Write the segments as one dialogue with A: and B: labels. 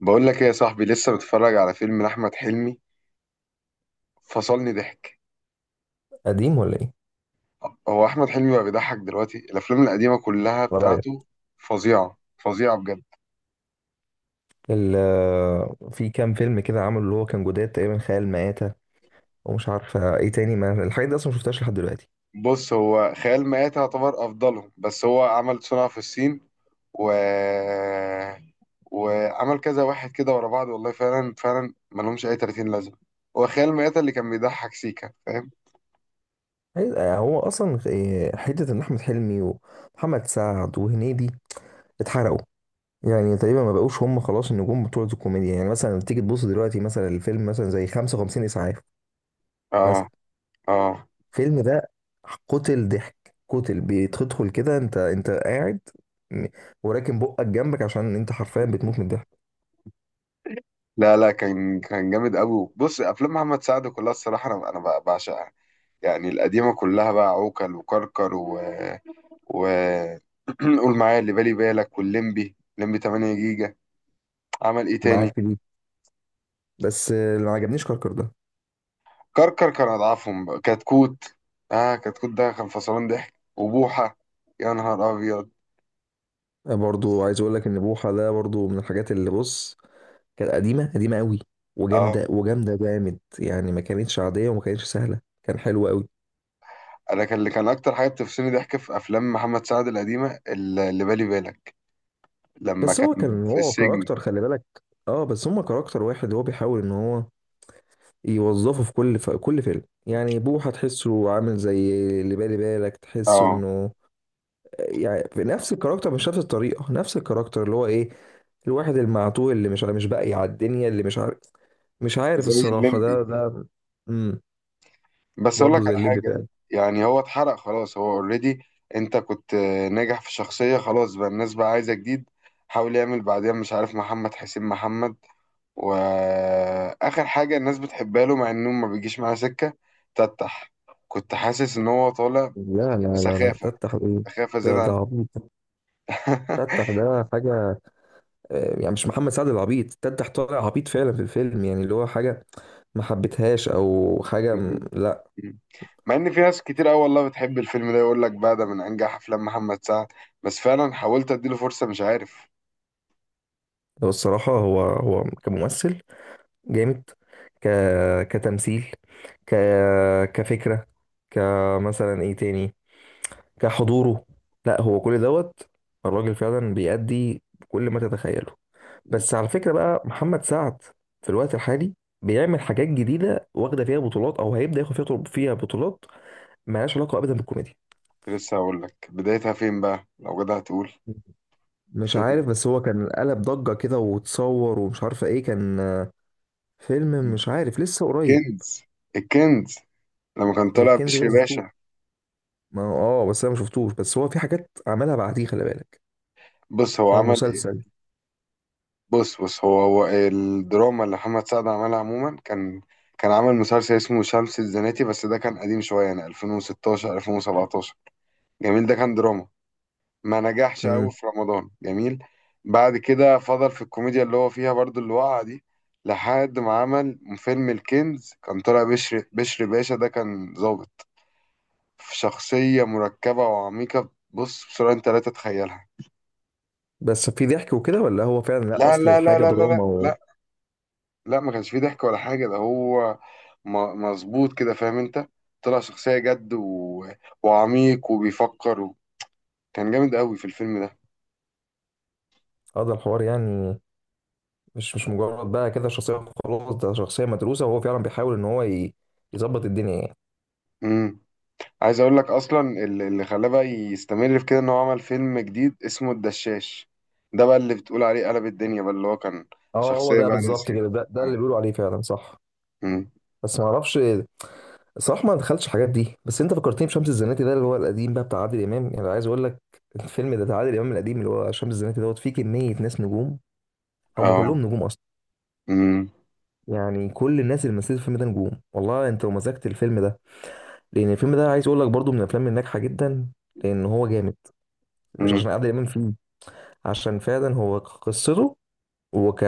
A: بقول لك ايه يا صاحبي؟ لسه بتفرج على فيلم لأحمد حلمي. فصلني ضحك.
B: قديم ولا ايه؟
A: هو أحمد حلمي بقى بيضحك دلوقتي؟ الأفلام القديمة كلها
B: ولا رايك؟
A: بتاعته فظيعة فظيعة بجد.
B: ال في كام فيلم كده عملوا اللي هو كان جداد تقريبا خيال مآتة. ومش عارفة ايه تاني، ما الحاجات دي اصلا ما شفتهاش لحد دلوقتي.
A: بص، هو خيال مآتة يعتبر أفضلهم، بس هو عمل صنع في الصين و... وعمل كذا واحد كده ورا بعض، والله فعلا فعلا ملهمش أي 30 لازمة. هو خيال مآتة اللي كان بيضحك سيكا، فاهم؟
B: هو اصلا إيه، حتة ان احمد حلمي ومحمد سعد وهنيدي اتحرقوا. يعني تقريبا ما بقوش هم خلاص النجوم بتوع الكوميديا. يعني مثلا تيجي تبص دلوقتي مثلا الفيلم مثلا زي 55 اسعاف
A: اه.
B: مثلا.
A: اه.
B: الفيلم ده قتل ضحك قتل، بتدخل كده انت قاعد، م- وراكن بقك جنبك عشان انت حرفيا بتموت من الضحك.
A: لا لا، كان جامد قوي. بص، افلام محمد سعد كلها الصراحه انا بعشقها، يعني القديمة كلها بقى عوكل وكركر و... قول معايا اللي بالي بالك واللمبي، لمبي 8 جيجا. عمل ايه تاني؟
B: معاك. بس اللي ما عجبنيش كركر ده.
A: كركر كان اضعفهم بقى. كتكوت، اه كتكوت ده كان فصلان ضحك، وبوحة يا نهار ابيض.
B: برضو عايز اقول لك ان بوحه ده برضو من الحاجات اللي بص، كانت قديمه قديمه قوي،
A: اه،
B: وجامده جامد، يعني ما كانتش عاديه وما كانتش سهله، كان حلو قوي.
A: انا كان اللي كان اكتر حاجة بتفصلني ضحك في افلام محمد سعد القديمة اللي بالي بالك لما
B: بس هو
A: كان
B: كان
A: في
B: هو
A: السجن.
B: كاركتر خلي بالك. اه بس هما كاركتر واحد، هو بيحاول ان هو يوظفه في كل فيلم. يعني بوحه تحسه عامل زي اللي بالي بالك، تحسه
A: اه
B: انه يعني في نفس الكاركتر، مش نفس الطريقه نفس الكاركتر، اللي هو ايه، الواحد المعتوه اللي مش باقي على الدنيا، اللي مش عارف، مش عارف
A: زي
B: الصراحة،
A: الليمبي.
B: ده. امم.
A: بس اقول
B: برضه
A: لك
B: زي
A: على
B: الليبي
A: حاجه،
B: فعلا.
A: يعني هو اتحرق خلاص، هو اوريدي انت كنت، ناجح في شخصيه، خلاص بقى الناس بقى عايزه جديد. حاول يعمل بعدين مش عارف محمد حسين محمد، واخر حاجه الناس بتحبها له مع انه ما بيجيش معاه سكه. تتح كنت حاسس ان هو طالع
B: لا لا لا لا،
A: بسخافه،
B: تفتح ايه؟
A: سخافه
B: ده
A: زياده
B: ده
A: عن.
B: عبيط. تفتح ده حاجة. يعني مش محمد سعد العبيط، تفتح طالع عبيط فعلا في الفيلم. يعني اللي هو حاجة ما حبيتهاش، أو حاجة لا.
A: مع ان في ناس كتير قوي والله بتحب الفيلم ده، يقول لك بقى ده من انجح افلام محمد سعد. بس فعلا حاولت اديله فرصه، مش عارف.
B: هو الصراحة هو كممثل جامد، ك كتمثيل، ك كفكرة، كمثلا ايه تاني، كحضوره، لا هو كل دوت، الراجل فعلا بيأدي كل ما تتخيله. بس على فكرة بقى، محمد سعد في الوقت الحالي بيعمل حاجات جديدة واخدة فيها بطولات، أو هيبدأ ياخد فيها بطولات مالهاش علاقة أبدا بالكوميديا.
A: لسه هقول لك بدايتها فين بقى لو جدع تقول.
B: مش عارف،
A: فيلم
B: بس هو كان قلب ضجة كده وتصور ومش عارفة ايه، كان فيلم، مش عارف، لسه قريب.
A: الكنز. الكنز لما كان طالع
B: الكنز ده
A: بشري
B: ما شفتوش.
A: باشا.
B: ما اه بس انا ما شفتوش، بس هو في حاجات عملها بعديه خلي بالك،
A: بص هو
B: او
A: عمل ايه.
B: مسلسل.
A: بص بص، هو الدراما اللي محمد سعد عملها عموما، كان كان عمل مسلسل اسمه شمس الزناتي، بس ده كان قديم شويه، يعني 2016 2017. جميل، ده كان دراما، ما نجحش قوي
B: امم.
A: في رمضان. جميل. بعد كده فضل في الكوميديا اللي هو فيها برضو، اللي وقع دي، لحد ما عمل فيلم الكنز. كان طالع بشري باشا، ده كان ظابط في شخصية مركبة وعميقة، بص بسرعة، انت لا تتخيلها.
B: بس في ضحك وكده ولا هو فعلا؟ لا
A: لا
B: اصل
A: لا لا
B: الحاجة
A: لا لا لا
B: دراما.
A: لا لا، ما كانش فيه ضحك ولا حاجة، ده هو م- مظبوط كده، فاهم انت؟ طلع شخصية جد وعميق وبيفكر كان جامد قوي في الفيلم ده.
B: وهذا الحوار يعني، مش مجرد بقى كده شخصية، خلاص ده شخصية مدروسة وهو فعلا بيحاول إن هو يظبط الدنيا يعني.
A: امم. عايز اقول لك اصلا اللي خلاه بقى يستمر في كده، ان هو عمل فيلم جديد اسمه الدشاش. ده بقى اللي بتقول عليه قلب الدنيا، بقى اللي هو كان
B: اه هو
A: شخصية
B: ده
A: بقى
B: بالظبط
A: راسية.
B: كده، ده اللي
A: اه.
B: بيقولوا عليه فعلا، صح.
A: امم.
B: بس ما اعرفش الصراحة، ما دخلتش الحاجات دي، بس انت فكرتني بشمس الزناتي ده اللي هو القديم بقى بتاع عادل إمام، يعني عايز اقول لك، الفيلم ده بتاع عادل إمام القديم اللي هو شمس الزناتي دوت، فيه كمية ناس نجوم، هم
A: اه.
B: كلهم نجوم اصلا.
A: امم.
B: يعني كل الناس اللي مثلت الفيلم ده نجوم والله. انت لو مزجت الفيلم ده، لان الفيلم ده عايز اقول لك برضو من الافلام الناجحة جدا، لان هو جامد، مش
A: امم.
B: عشان عادل إمام فيه، عشان فعلا هو قصته، وك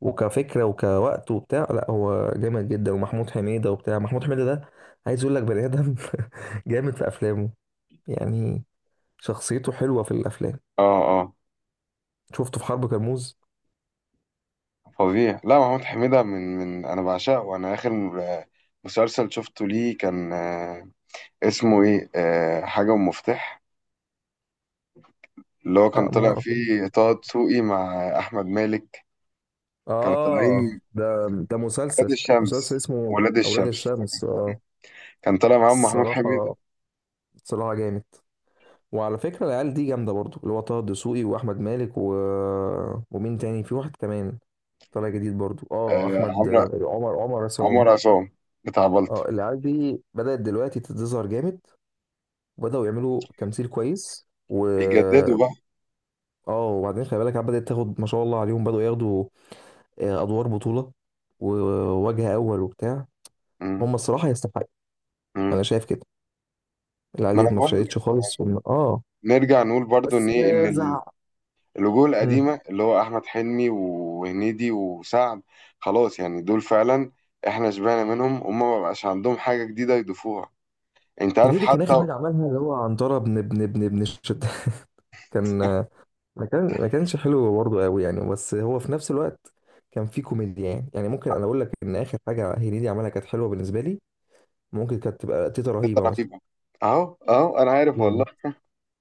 B: وكفكره وكوقت وبتاع، لا هو جامد جدا. ومحمود حميده وبتاع، محمود حميده ده عايز اقول لك بني ادم، جامد في افلامه يعني، شخصيته حلوه في الافلام.
A: اه. اه.
B: شفته في حرب كرموز.
A: فظيع. لا، محمود حميدة من أنا بعشقه، وأنا آخر، مسلسل شفته ليه كان، اسمه إيه، حاجة ومفتاح، اللي هو كان
B: لا ما
A: طلع
B: اعرف إيه.
A: فيه طه دسوقي مع أحمد مالك. كانوا
B: اه
A: طالعين
B: ده
A: ولاد
B: مسلسل، مسلسل
A: الشمس.
B: اسمه
A: ولاد
B: اولاد
A: الشمس
B: الشمس، اه.
A: كان طالع معاهم محمود حميدة.
B: الصراحه، صراحه جامد. وعلى فكره العيال دي جامده برضو، اللي هو طه الدسوقي واحمد مالك و... ومين تاني، في واحد كمان طالع جديد برضو، احمد
A: عمرو،
B: عمر عصام.
A: عمر عصام، بتاع بلطو.
B: اه العيال دي بدأت دلوقتي تظهر جامد، وبدأوا يعملوا تمثيل كويس و...
A: بيجددوا بقى.
B: اه وبعدين خلي بالك، العيال بدأت تاخد ما شاء الله عليهم، بدأوا ياخدوا أدوار بطولة ووجه أول وبتاع.
A: مم.
B: هم الصراحة يستحقوا. أنا
A: مم.
B: شايف كده، العيال
A: ما أنا
B: ديت ما
A: بقول لك،
B: فشلتش خالص وم... اه.
A: نرجع نقول برضو إن
B: بس
A: إيه، إن
B: زعق.
A: الوجوه
B: مم.
A: القديمة اللي هو أحمد حلمي وهنيدي وسعد، خلاص يعني دول فعلا إحنا شبعنا منهم، هما ما بقاش عندهم حاجة جديدة يضيفوها. أنت عارف
B: هنيدي كان آخر
A: حتى
B: حاجة عملها اللي هو عنترة بن الشتاء، كان، ما كانش حلو برضه قوي يعني، بس هو في نفس الوقت كان فيه كوميديا. يعني ممكن انا اقول لك ان اخر حاجه هنيدي عملها كانت حلوه بالنسبه لي. ممكن كانت تبقى تيتا
A: ستة
B: رهيبه مثلا،
A: رهيبة؟ أهو أهو، أنا عارف والله.
B: جامد،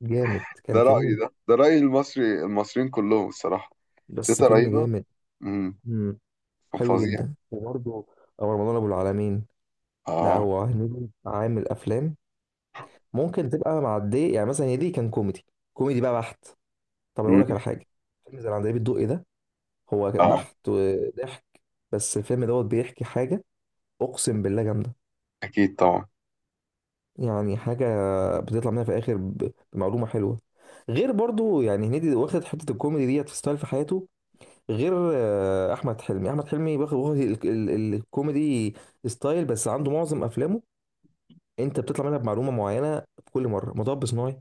B: جامد كان
A: ده رأيي،
B: فيلم،
A: ده رأي المصري، المصريين كلهم الصراحة.
B: بس
A: تيتا
B: فيلم
A: رهيبة.
B: جامد.
A: امم.
B: امم.
A: كان
B: حلو
A: فظيع.
B: جدا. وبرضه او رمضان ابو العالمين، لا
A: اه.
B: هو هنيدي عامل افلام ممكن تبقى معديه. يعني مثلا هنيدي كان كوميدي، كوميدي بقى بحت. طب انا اقول
A: امم.
B: لك على حاجه، فيلم زي العندليب الدقي ده، هو
A: اه.
B: بحت وضحك، بس الفيلم دوت بيحكي حاجه اقسم بالله جامده.
A: أكيد طبعا.
B: يعني حاجة بتطلع منها في الآخر بمعلومة حلوة. غير برضو يعني هنيدي واخد حتة الكوميدي ديت في ستايل في حياته. غير أحمد حلمي واخد الكوميدي ستايل. بس عنده معظم أفلامه أنت بتطلع منها بمعلومة معينة. بكل مرة مطب صناعي.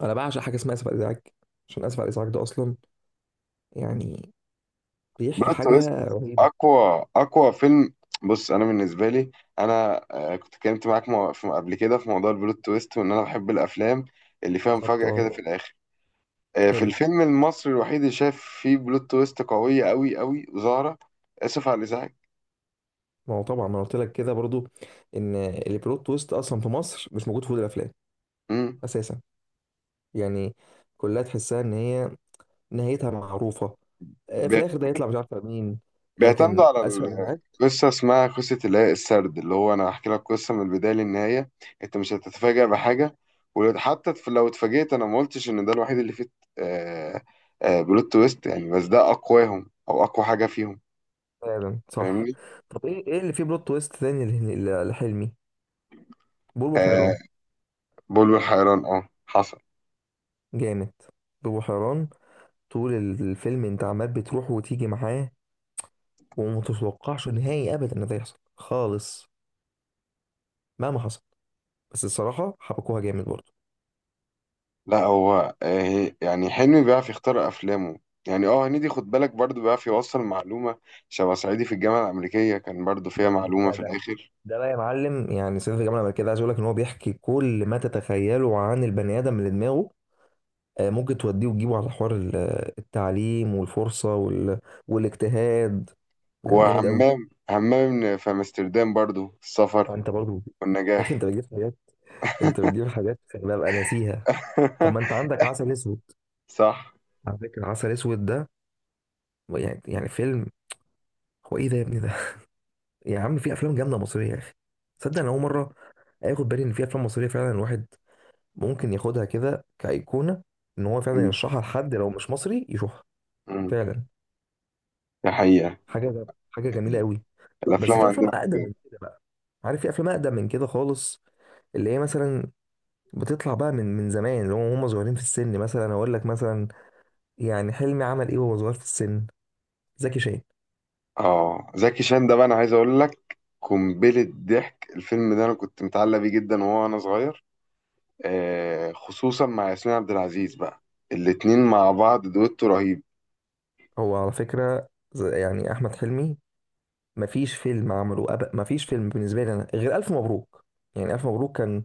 B: أنا بعشق حاجة اسمها آسف على الإزعاج، عشان آسف على الإزعاج ده أصلا يعني بيحكي
A: بلوت
B: حاجة
A: تويست،
B: رهيبة.
A: اقوى فيلم. بص انا بالنسبه لي، انا، كنت اتكلمت معاك قبل كده في موضوع البلوت تويست، وان انا بحب الافلام اللي فيها
B: بالظبط
A: مفاجاه
B: أه.
A: كده في الاخر. في
B: حلو.
A: الفيلم المصري الوحيد اللي شايف فيه بلوت تويست قويه، قوي قوي وظاهره، اسف على الازعاج.
B: ما هو طبعا ما أنا قلت لك كده برضو، إن البلوت تويست أصلا في مصر مش موجود في كل الأفلام
A: مم.
B: أساسا، يعني كلها تحسها ان هي نهايتها معروفه. في الاخر ده يطلع مش عارفه مين،
A: بيعتمدوا
B: لكن
A: على
B: اسفل الازعاج،
A: قصة اسمها قصة، اللي هي السرد اللي هو أنا هحكي لك قصة من البداية للنهاية، أنت مش هتتفاجأ بحاجة. وحتى لو اتفاجئت، أنا ما قلتش إن ده الوحيد اللي فيه، آه، آه، بلوت تويست، يعني، بس ده أقواهم أو أقوى حاجة فيهم.
B: فعلا صح.
A: فاهمني؟
B: طب ايه اللي فيه بلوت تويست تاني لحلمي؟ بوبو حيران،
A: آه بلبل حيران، أه حصل.
B: جامد. بوبو حيران، طول الفيلم انت عمال بتروح وتيجي معاه، ومتتوقعش نهائي ابدا ان ده يحصل خالص، مهما حصل. بس الصراحه حبكوها جامد برضه.
A: لا هو آه، يعني حلمي بيعرف يختار أفلامه. يعني اه هنيدي خد بالك برضه بيعرف يوصل معلومة. شبه صعيدي في الجامعة الأمريكية كان برضه فيها
B: جامد
A: معلومة
B: بقى
A: في
B: ده.
A: الآخر.
B: ده بقى يا معلم، يعني سيف جمال عمل كده عايز اقول لك ان هو بيحكي كل ما تتخيله عن البني ادم اللي دماغه ممكن توديه وتجيبه، على حوار التعليم والفرصة وال... والاجتهاد. يعني جامد قوي.
A: وهمام، في امستردام برضو، السفر
B: انت برضو. يا اخي
A: والنجاح.
B: انت بتجيب حاجات، انت بتجيب حاجات ببقى ناسيها. طب ما انت عندك عسل اسود.
A: صح.
B: على فكرة عسل اسود ده، يعني فيلم، هو ايه ده يا ابني ده. يا عم في افلام جامدة مصرية يا اخي. تصدق انا اول مرة اخد بالي ان في افلام مصرية فعلا الواحد ممكن ياخدها كده كأيقونة، ان هو فعلا
A: مم.
B: يرشحها لحد لو مش مصري يشوفها،
A: مم.
B: فعلا.
A: ده حقيقة.
B: حاجة جميلة قوي. طب
A: الافلام
B: بس في افلام
A: عندنا
B: اقدم
A: كده.
B: من كده بقى. عارف في افلام اقدم من كده خالص، اللي هي مثلا بتطلع بقى من زمان، اللي هم صغيرين في السن. مثلا اقول لك مثلا، يعني حلمي عمل ايه وهو صغير في السن؟ زكي شان.
A: اه زكي شان ده بقى، انا عايز اقول لك، قنبلة ضحك الفيلم ده، انا كنت متعلق بيه جدا وهو انا صغير. آه خصوصا مع ياسمين عبد العزيز بقى، الاتنين مع بعض دويتو رهيب.
B: هو على فكره يعني احمد حلمي مفيش فيلم عمله مفيش فيلم بالنسبه لي انا غير الف مبروك. يعني الف مبروك كان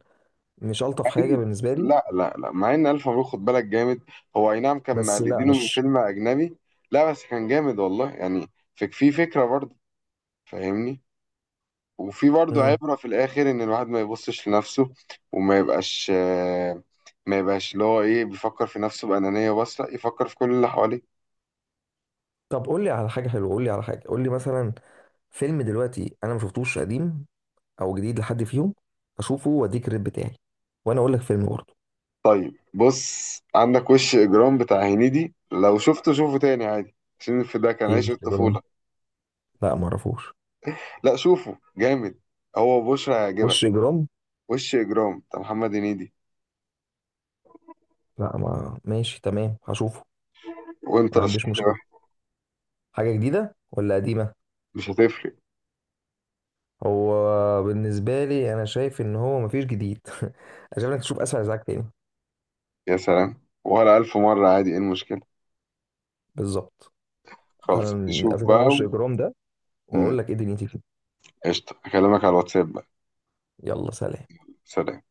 B: مش الطف
A: مع
B: حاجه
A: إن-
B: بالنسبه لي.
A: لا لا لا، مع ان الف مبروك خد بالك جامد. هو اي نعم كان
B: بس لا
A: مقلدينه من
B: مش.
A: فيلم اجنبي، لا بس كان جامد والله، يعني في فكرة برضه، فاهمني؟ وفي برضه
B: مم.
A: عبرة في الآخر، إن الواحد ما يبصش لنفسه وما يبقاش، ما يبقاش اللي هو إيه، بيفكر في نفسه بأنانية، بس لأ، يفكر في كل اللي حواليه.
B: طب قول لي على حاجه حلوه، قول لي على حاجه، قول لي مثلا فيلم دلوقتي انا ما شفتوش قديم او جديد لحد فيهم، اشوفه واديك الريت بتاعي، وانا اقول لك فيلم برضه.
A: طيب بص، عندك وش إجرام بتاع هنيدي، لو شفته شوفه تاني عادي، عشان في ده كان
B: ايه
A: عيش
B: وش اجرام؟
A: الطفولة.
B: لا ما اعرفوش.
A: لأ شوفه جامد، هو بشرى هيعجبك.
B: وش اجرام؟
A: وش إجرام بتاع محمد هنيدي.
B: لا ما، ماشي تمام هشوفه.
A: وأنت
B: ما عنديش
A: رشح لي
B: مشكله،
A: واحد،
B: حاجه جديده ولا قديمه.
A: مش هتفرق.
B: هو بالنسبه لي انا شايف ان هو مفيش جديد. انا شايف انك تشوف اسفل ازعاج تاني.
A: يا سلام ولا ألف مرة عادي، إيه المشكلة؟
B: بالظبط. تعالى
A: خلص شوف
B: نقفل، انا
A: بقى
B: وش اجرام ده
A: مم.
B: واقول لك ايه دنيتي فيه.
A: قشطة، أكلمك على الواتساب بقى.
B: يلا سلام.
A: سلام.